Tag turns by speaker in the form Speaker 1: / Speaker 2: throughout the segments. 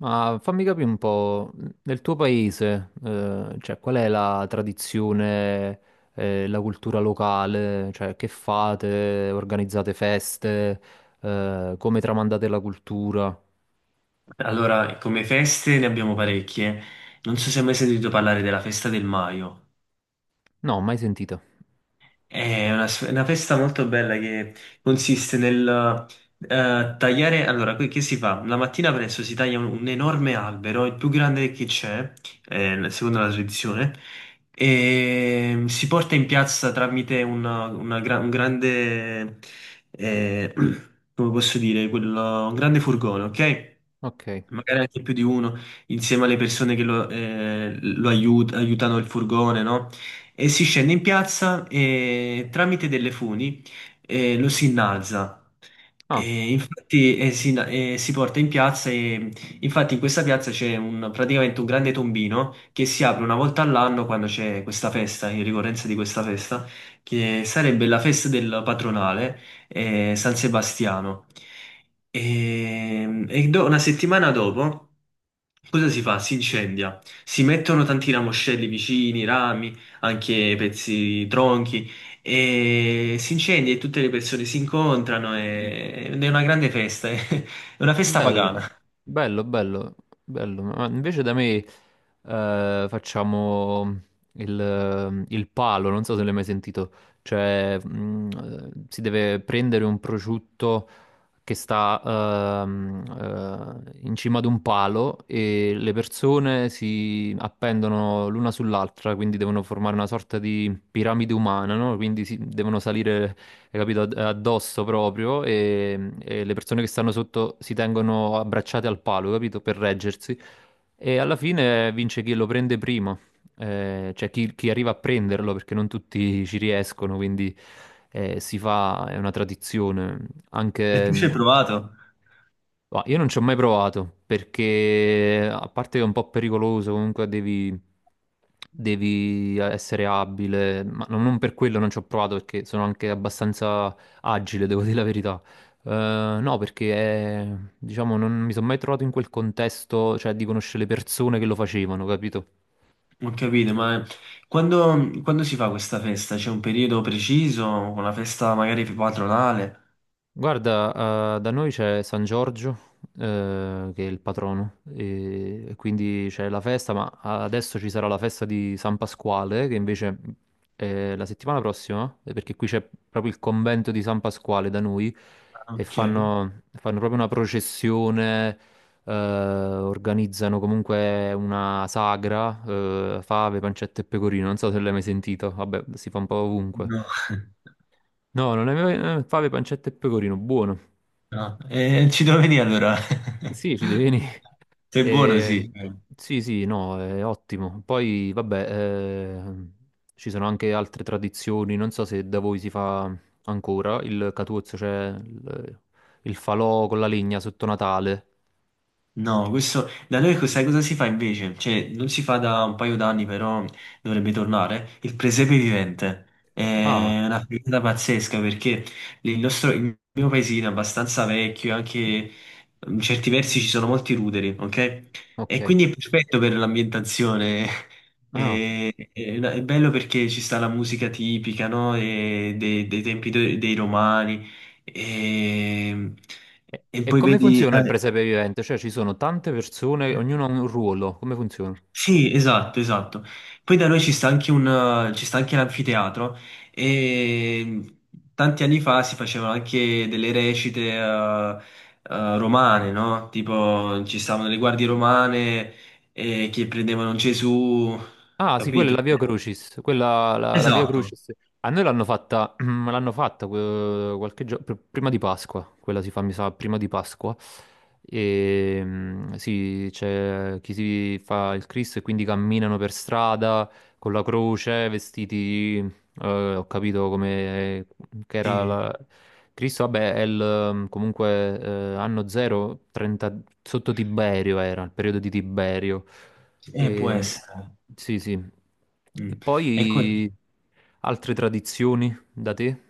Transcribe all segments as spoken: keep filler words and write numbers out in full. Speaker 1: Ma fammi capire un po', nel tuo paese, eh, cioè, qual è la tradizione, eh, la cultura locale? Cioè, che fate? Organizzate feste? Eh, come tramandate la cultura?
Speaker 2: Allora, come feste ne abbiamo parecchie. Non so se hai mai sentito parlare della festa del Maio.
Speaker 1: No, mai sentita.
Speaker 2: È una, s- una festa molto bella che consiste nel eh, tagliare. Allora, que- che si fa? La mattina presto si taglia un, un enorme albero, il più grande che c'è, eh, secondo la tradizione, e si porta in piazza tramite una- una gra- un grande, eh, come posso dire, quello- un grande furgone, ok?
Speaker 1: Ok.
Speaker 2: Magari anche più di uno, insieme alle persone che lo, eh, lo aiut- aiutano il furgone, no? E si scende in piazza e tramite delle funi eh, lo si innalza.
Speaker 1: Ah,
Speaker 2: E infatti eh, si, eh, si porta in piazza e infatti in questa piazza c'è un- praticamente un grande tombino che si apre una volta all'anno quando c'è questa festa, in ricorrenza di questa festa, che sarebbe la festa del patronale eh, San Sebastiano. E, e do- una settimana dopo, cosa si fa? Si incendia. Si mettono tanti ramoscelli vicini, rami anche pezzi tronchi e si incendia e tutte le persone si incontrano e- ed è una grande festa, è una festa
Speaker 1: bello,
Speaker 2: pagana.
Speaker 1: bello, bello, bello. Ma invece da me, eh, facciamo il, il palo, non so se l'hai mai sentito. Cioè, mm, eh, si deve prendere un prosciutto che sta ehm, eh, in cima ad un palo e le persone si appendono l'una sull'altra, quindi devono formare una sorta di piramide umana, no? Quindi si- devono salire, hai capito, ad- addosso proprio e, e le persone che stanno sotto si tengono abbracciate al palo, capito, per reggersi. E alla fine vince chi lo prende prima, eh, cioè chi, chi arriva a prenderlo, perché non tutti ci riescono, quindi eh, si fa, è una tradizione,
Speaker 2: E tu ci hai
Speaker 1: anche...
Speaker 2: provato?
Speaker 1: Ma io non ci ho mai provato perché, a parte che è un po' pericoloso, comunque devi, devi essere abile, ma non non per quello non ci ho provato perché sono anche abbastanza agile, devo dire la verità. Eh, no, perché eh, diciamo non mi sono mai trovato in quel contesto, cioè di conoscere le persone che lo facevano, capito?
Speaker 2: Ho capito, ma quando, quando si fa questa festa? C'è un periodo preciso? Una festa magari patronale?
Speaker 1: Guarda, eh, da noi c'è San Giorgio, eh, che è il patrono, e, e quindi c'è la festa, ma adesso ci sarà la festa di San Pasquale, che invece è la settimana prossima, eh, perché qui c'è proprio il convento di San Pasquale da noi,
Speaker 2: Ah,
Speaker 1: e
Speaker 2: ok.
Speaker 1: fanno, fanno proprio una processione, eh, organizzano comunque una sagra, eh, fave, pancetta e pecorino, non so se l'hai mai sentito, vabbè, si fa un po' ovunque.
Speaker 2: No,
Speaker 1: No, non è mai... eh, fave, pancetta e pecorino, buono.
Speaker 2: no. Eh, ci devo venire allora.
Speaker 1: Sì, ci devi venire.
Speaker 2: Sei buono,
Speaker 1: Eh,
Speaker 2: sì.
Speaker 1: sì, sì, no, è ottimo. Poi, vabbè, eh, ci sono anche altre tradizioni. Non so se da voi si fa ancora il Catuzzo, cioè il, il falò con la legna sotto Natale.
Speaker 2: No, questo da noi co- sai cosa si fa invece? Cioè, non si fa da un paio d'anni, però dovrebbe tornare. Il presepe vivente
Speaker 1: Ah,
Speaker 2: è una figata pazzesca perché il nostro, il mio paesino è abbastanza vecchio, anche in certi versi ci sono molti ruderi, ok?
Speaker 1: ok.
Speaker 2: E quindi è perfetto per l'ambientazione.
Speaker 1: Ah.
Speaker 2: È, è una- è bello perché ci sta la musica tipica, no? E dei, dei tempi de- dei romani. E,
Speaker 1: E,
Speaker 2: e
Speaker 1: e
Speaker 2: poi
Speaker 1: come
Speaker 2: vedi.
Speaker 1: funziona il
Speaker 2: eh,
Speaker 1: presepe vivente? Cioè, ci sono tante persone, ognuno ha un ruolo. Come funziona?
Speaker 2: Sì, esatto, esatto. Poi da noi ci sta anche un, ci sta anche l'anfiteatro e tanti anni fa si facevano anche delle recite eh, eh, romane, no? Tipo ci stavano le guardie romane eh, che prendevano Gesù,
Speaker 1: Ah, sì, quella è
Speaker 2: capito?
Speaker 1: la Via Crucis. Quella, la, la Via
Speaker 2: Esatto.
Speaker 1: Crucis. A noi l'hanno fatta, l'hanno fatta eh, qualche giorno, prima di Pasqua. Quella si fa, mi sa, prima di Pasqua. E, mm, sì, c'è chi si fa il Cristo e quindi camminano per strada con la croce, vestiti, eh, ho capito come che era
Speaker 2: Sì,
Speaker 1: la... Cristo, vabbè, è il, comunque eh, anno zero, trenta, sotto Tiberio era, il periodo di Tiberio.
Speaker 2: eh, può
Speaker 1: E,
Speaker 2: essere.
Speaker 1: sì, sì. E
Speaker 2: Mm. Ecco.
Speaker 1: poi altre tradizioni da te?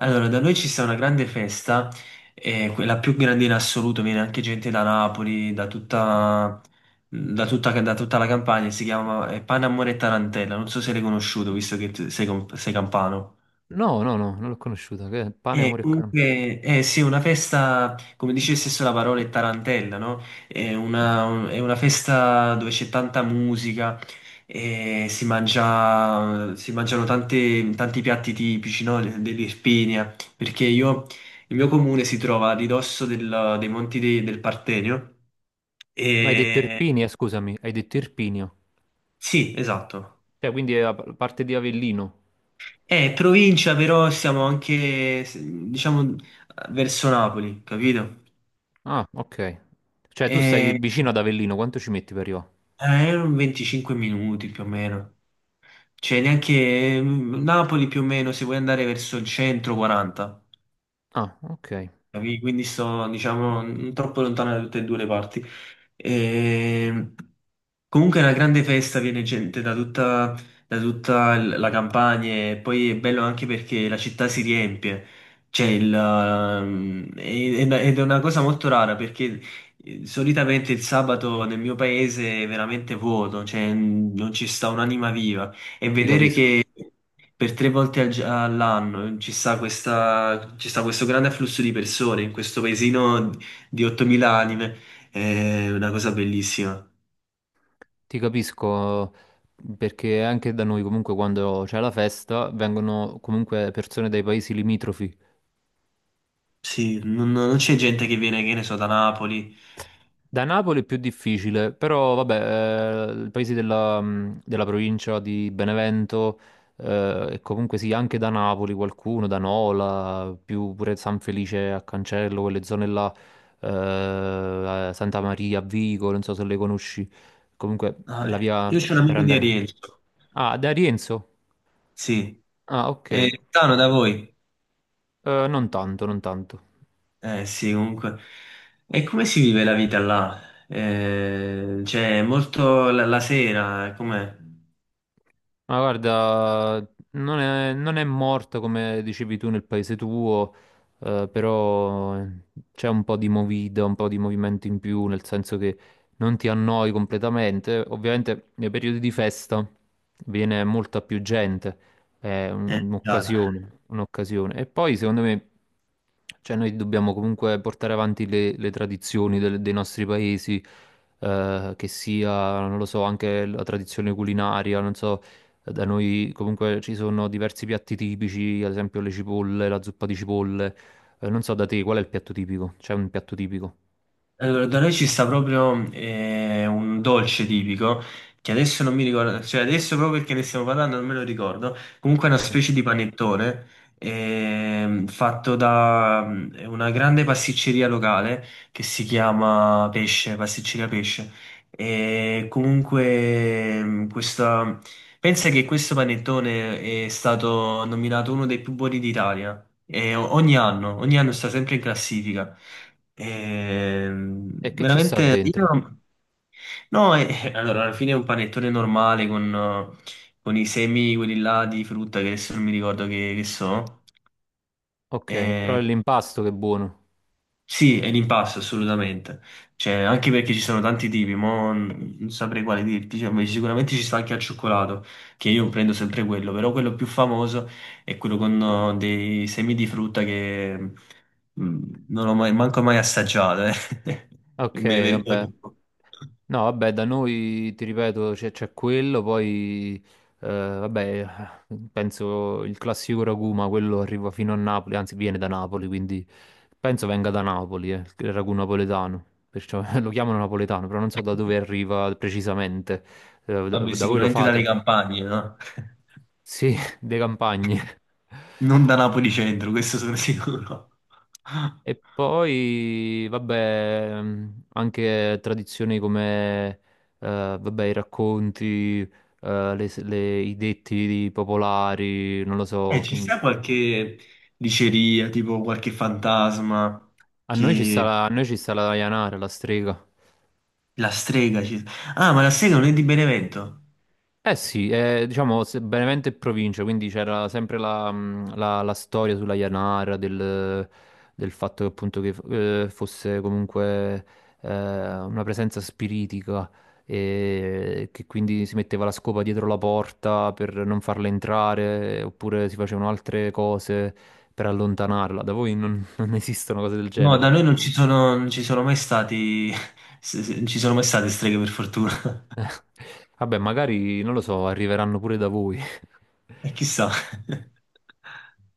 Speaker 2: Allora, da noi ci sta una grande festa, eh, que- la più grande in assoluto, viene anche gente da Napoli, da tutta, da tutta, da tutta la Campania, si chiama eh, Pane, Amore e Tarantella, non so se l'hai conosciuto, visto che t- sei, com- sei campano.
Speaker 1: No, no, no, non l'ho conosciuta. Che è pane,
Speaker 2: Eh,
Speaker 1: amore e canto.
Speaker 2: comunque, eh, sì, una festa, come dice stesso la parola, è tarantella, no? È una, un- è una festa dove c'è tanta musica, eh, si mangia, si mangiano tante- tanti piatti tipici, no? Dell'Irpinia, perché io, il mio comune si trova a ridosso del- dei Monti de- del Partenio.
Speaker 1: Ma hai detto
Speaker 2: e...
Speaker 1: Irpinia, scusami, hai detto Irpinio.
Speaker 2: sì, esatto.
Speaker 1: Cioè, quindi è la pa- parte di Avellino.
Speaker 2: È provincia, però siamo anche, diciamo, verso Napoli, capito?
Speaker 1: Ah, ok. Cioè, tu stai
Speaker 2: Eh,
Speaker 1: vicino ad Avellino, quanto ci metti per arrivare?
Speaker 2: Eh, erano venticinque minuti più o meno. Cioè, neanche mm, Napoli più o meno, se vuoi andare verso il centro, quaranta.
Speaker 1: Ah, ok,
Speaker 2: Capi? Quindi sto, diciamo, non troppo lontano da tutte e due le parti. E... Comunque è una grande festa, viene gente da tutta, da tutta l- la campagna e poi è bello anche perché la città si riempie. C'è il, ehm, e- ed ed è una cosa molto rara perché eh, solitamente il sabato nel mio paese è veramente vuoto, cioè mm, non ci sta un'anima viva. E
Speaker 1: ti
Speaker 2: vedere
Speaker 1: capisco.
Speaker 2: che per tre volte al gi- all'anno ci sta questa- ci sta questo grande afflusso di persone in questo paesino di ottomila anime, è una cosa bellissima.
Speaker 1: Ti capisco perché anche da noi comunque quando c'è la festa vengono comunque persone dai paesi limitrofi.
Speaker 2: Sì, non, non c'è gente che viene, che ne so, da Napoli.
Speaker 1: Da Napoli è più difficile, però vabbè, eh, i paesi della, mh, della provincia di Benevento eh, e comunque sì, anche da Napoli qualcuno, da Nola, più pure San Felice a Cancello, quelle zone là, eh, Santa Maria a Vico, non so se le conosci, comunque è
Speaker 2: Ah,
Speaker 1: la
Speaker 2: eh, io
Speaker 1: via
Speaker 2: c'ho un
Speaker 1: per
Speaker 2: amico di
Speaker 1: andare...
Speaker 2: Arienzo,
Speaker 1: Ah, da Rienzo?
Speaker 2: sì,
Speaker 1: Ah, ok,
Speaker 2: è
Speaker 1: eh,
Speaker 2: lontano da voi.
Speaker 1: non tanto, non tanto.
Speaker 2: Eh sì, comunque. E come si vive la vita là? Eh, cioè, molto la, la sera, com'è?
Speaker 1: Ma guarda, non è, non è morto come dicevi tu nel paese tuo, eh, però eh, c'è un po' di movida, un po' di movimento in più, nel senso che non ti annoi completamente. Ovviamente nei periodi di festa viene molta più gente, è un-
Speaker 2: Eh, già.
Speaker 1: un'occasione, un'occasione. E poi secondo me, cioè noi dobbiamo comunque portare avanti le, le tradizioni del- dei nostri paesi, eh, che sia, non lo so, anche la tradizione culinaria, non so, da noi comunque ci sono diversi piatti tipici, ad esempio le cipolle, la zuppa di cipolle. Eh, non so da te qual è il piatto tipico? C'è un piatto tipico?
Speaker 2: Allora, da noi ci sta proprio eh, un dolce tipico che adesso non mi ricordo, cioè adesso proprio perché ne stiamo parlando non me lo ricordo. Comunque è una
Speaker 1: Ok.
Speaker 2: specie di panettone ehm, fatto da mm, una grande pasticceria locale che si chiama Pesce, Pasticceria Pesce. E comunque mm, questa... pensa che questo panettone è stato nominato uno dei più buoni d'Italia. E o- ogni anno, ogni anno sta sempre in classifica. Ehm,
Speaker 1: E che ci sta
Speaker 2: veramente,
Speaker 1: dentro?
Speaker 2: io. No, eh, allora, alla fine è un panettone normale con, eh, con i semi, quelli là di frutta che adesso non mi ricordo che, che so.
Speaker 1: Ok, però è l'impasto che è buono.
Speaker 2: Sì, è l'impasse assolutamente. Cioè, anche perché ci sono tanti tipi, mo n- non saprei quale dirti. Cioè, beh, sicuramente ci sta anche al cioccolato, che io prendo sempre quello, però quello più famoso è quello con eh, dei semi di frutta che mm, non ho mai, manco mai assaggiato, eh. E
Speaker 1: Ok,
Speaker 2: me ne
Speaker 1: vabbè.
Speaker 2: vergogno un po'.
Speaker 1: No, vabbè, da noi ti ripeto, c'è c'è quello, poi eh, vabbè, penso il classico ragù, ma quello arriva fino a Napoli, anzi viene da Napoli, quindi penso venga da Napoli, eh, il ragù napoletano, perciò lo chiamano napoletano, però non so da dove arriva precisamente. Eh, da,
Speaker 2: Vabbè,
Speaker 1: da voi lo
Speaker 2: sicuramente dalle
Speaker 1: fate?
Speaker 2: campagne, no?
Speaker 1: Sì, dei campagne.
Speaker 2: Non da Napoli centro, questo sono sicuro.
Speaker 1: E poi, vabbè, mh, anche tradizioni come, eh, vabbè, i racconti, eh, le, le- i detti popolari, non lo
Speaker 2: Eh,
Speaker 1: so.
Speaker 2: ci sta qualche diceria, tipo qualche fantasma
Speaker 1: A noi ci sta
Speaker 2: che.
Speaker 1: la, a noi ci sta la Dayanara, la strega.
Speaker 2: La strega ci. Ah, ma la strega non è di Benevento?
Speaker 1: Eh sì, eh, diciamo se- Benevento e provincia, quindi c'era sempre la, mh, la- la storia sulla Janara del, del fatto che appunto che eh, fosse comunque eh, una presenza spiritica e che quindi si metteva la scopa dietro la porta per non farla entrare oppure si facevano altre cose per allontanarla. Da voi non, non esistono cose del
Speaker 2: No, da
Speaker 1: genere.
Speaker 2: noi non ci sono, non ci sono mai stati. se- se- Non ci sono mai state streghe per fortuna.
Speaker 1: Vabbè, magari non lo so, arriveranno pure da voi.
Speaker 2: E chissà.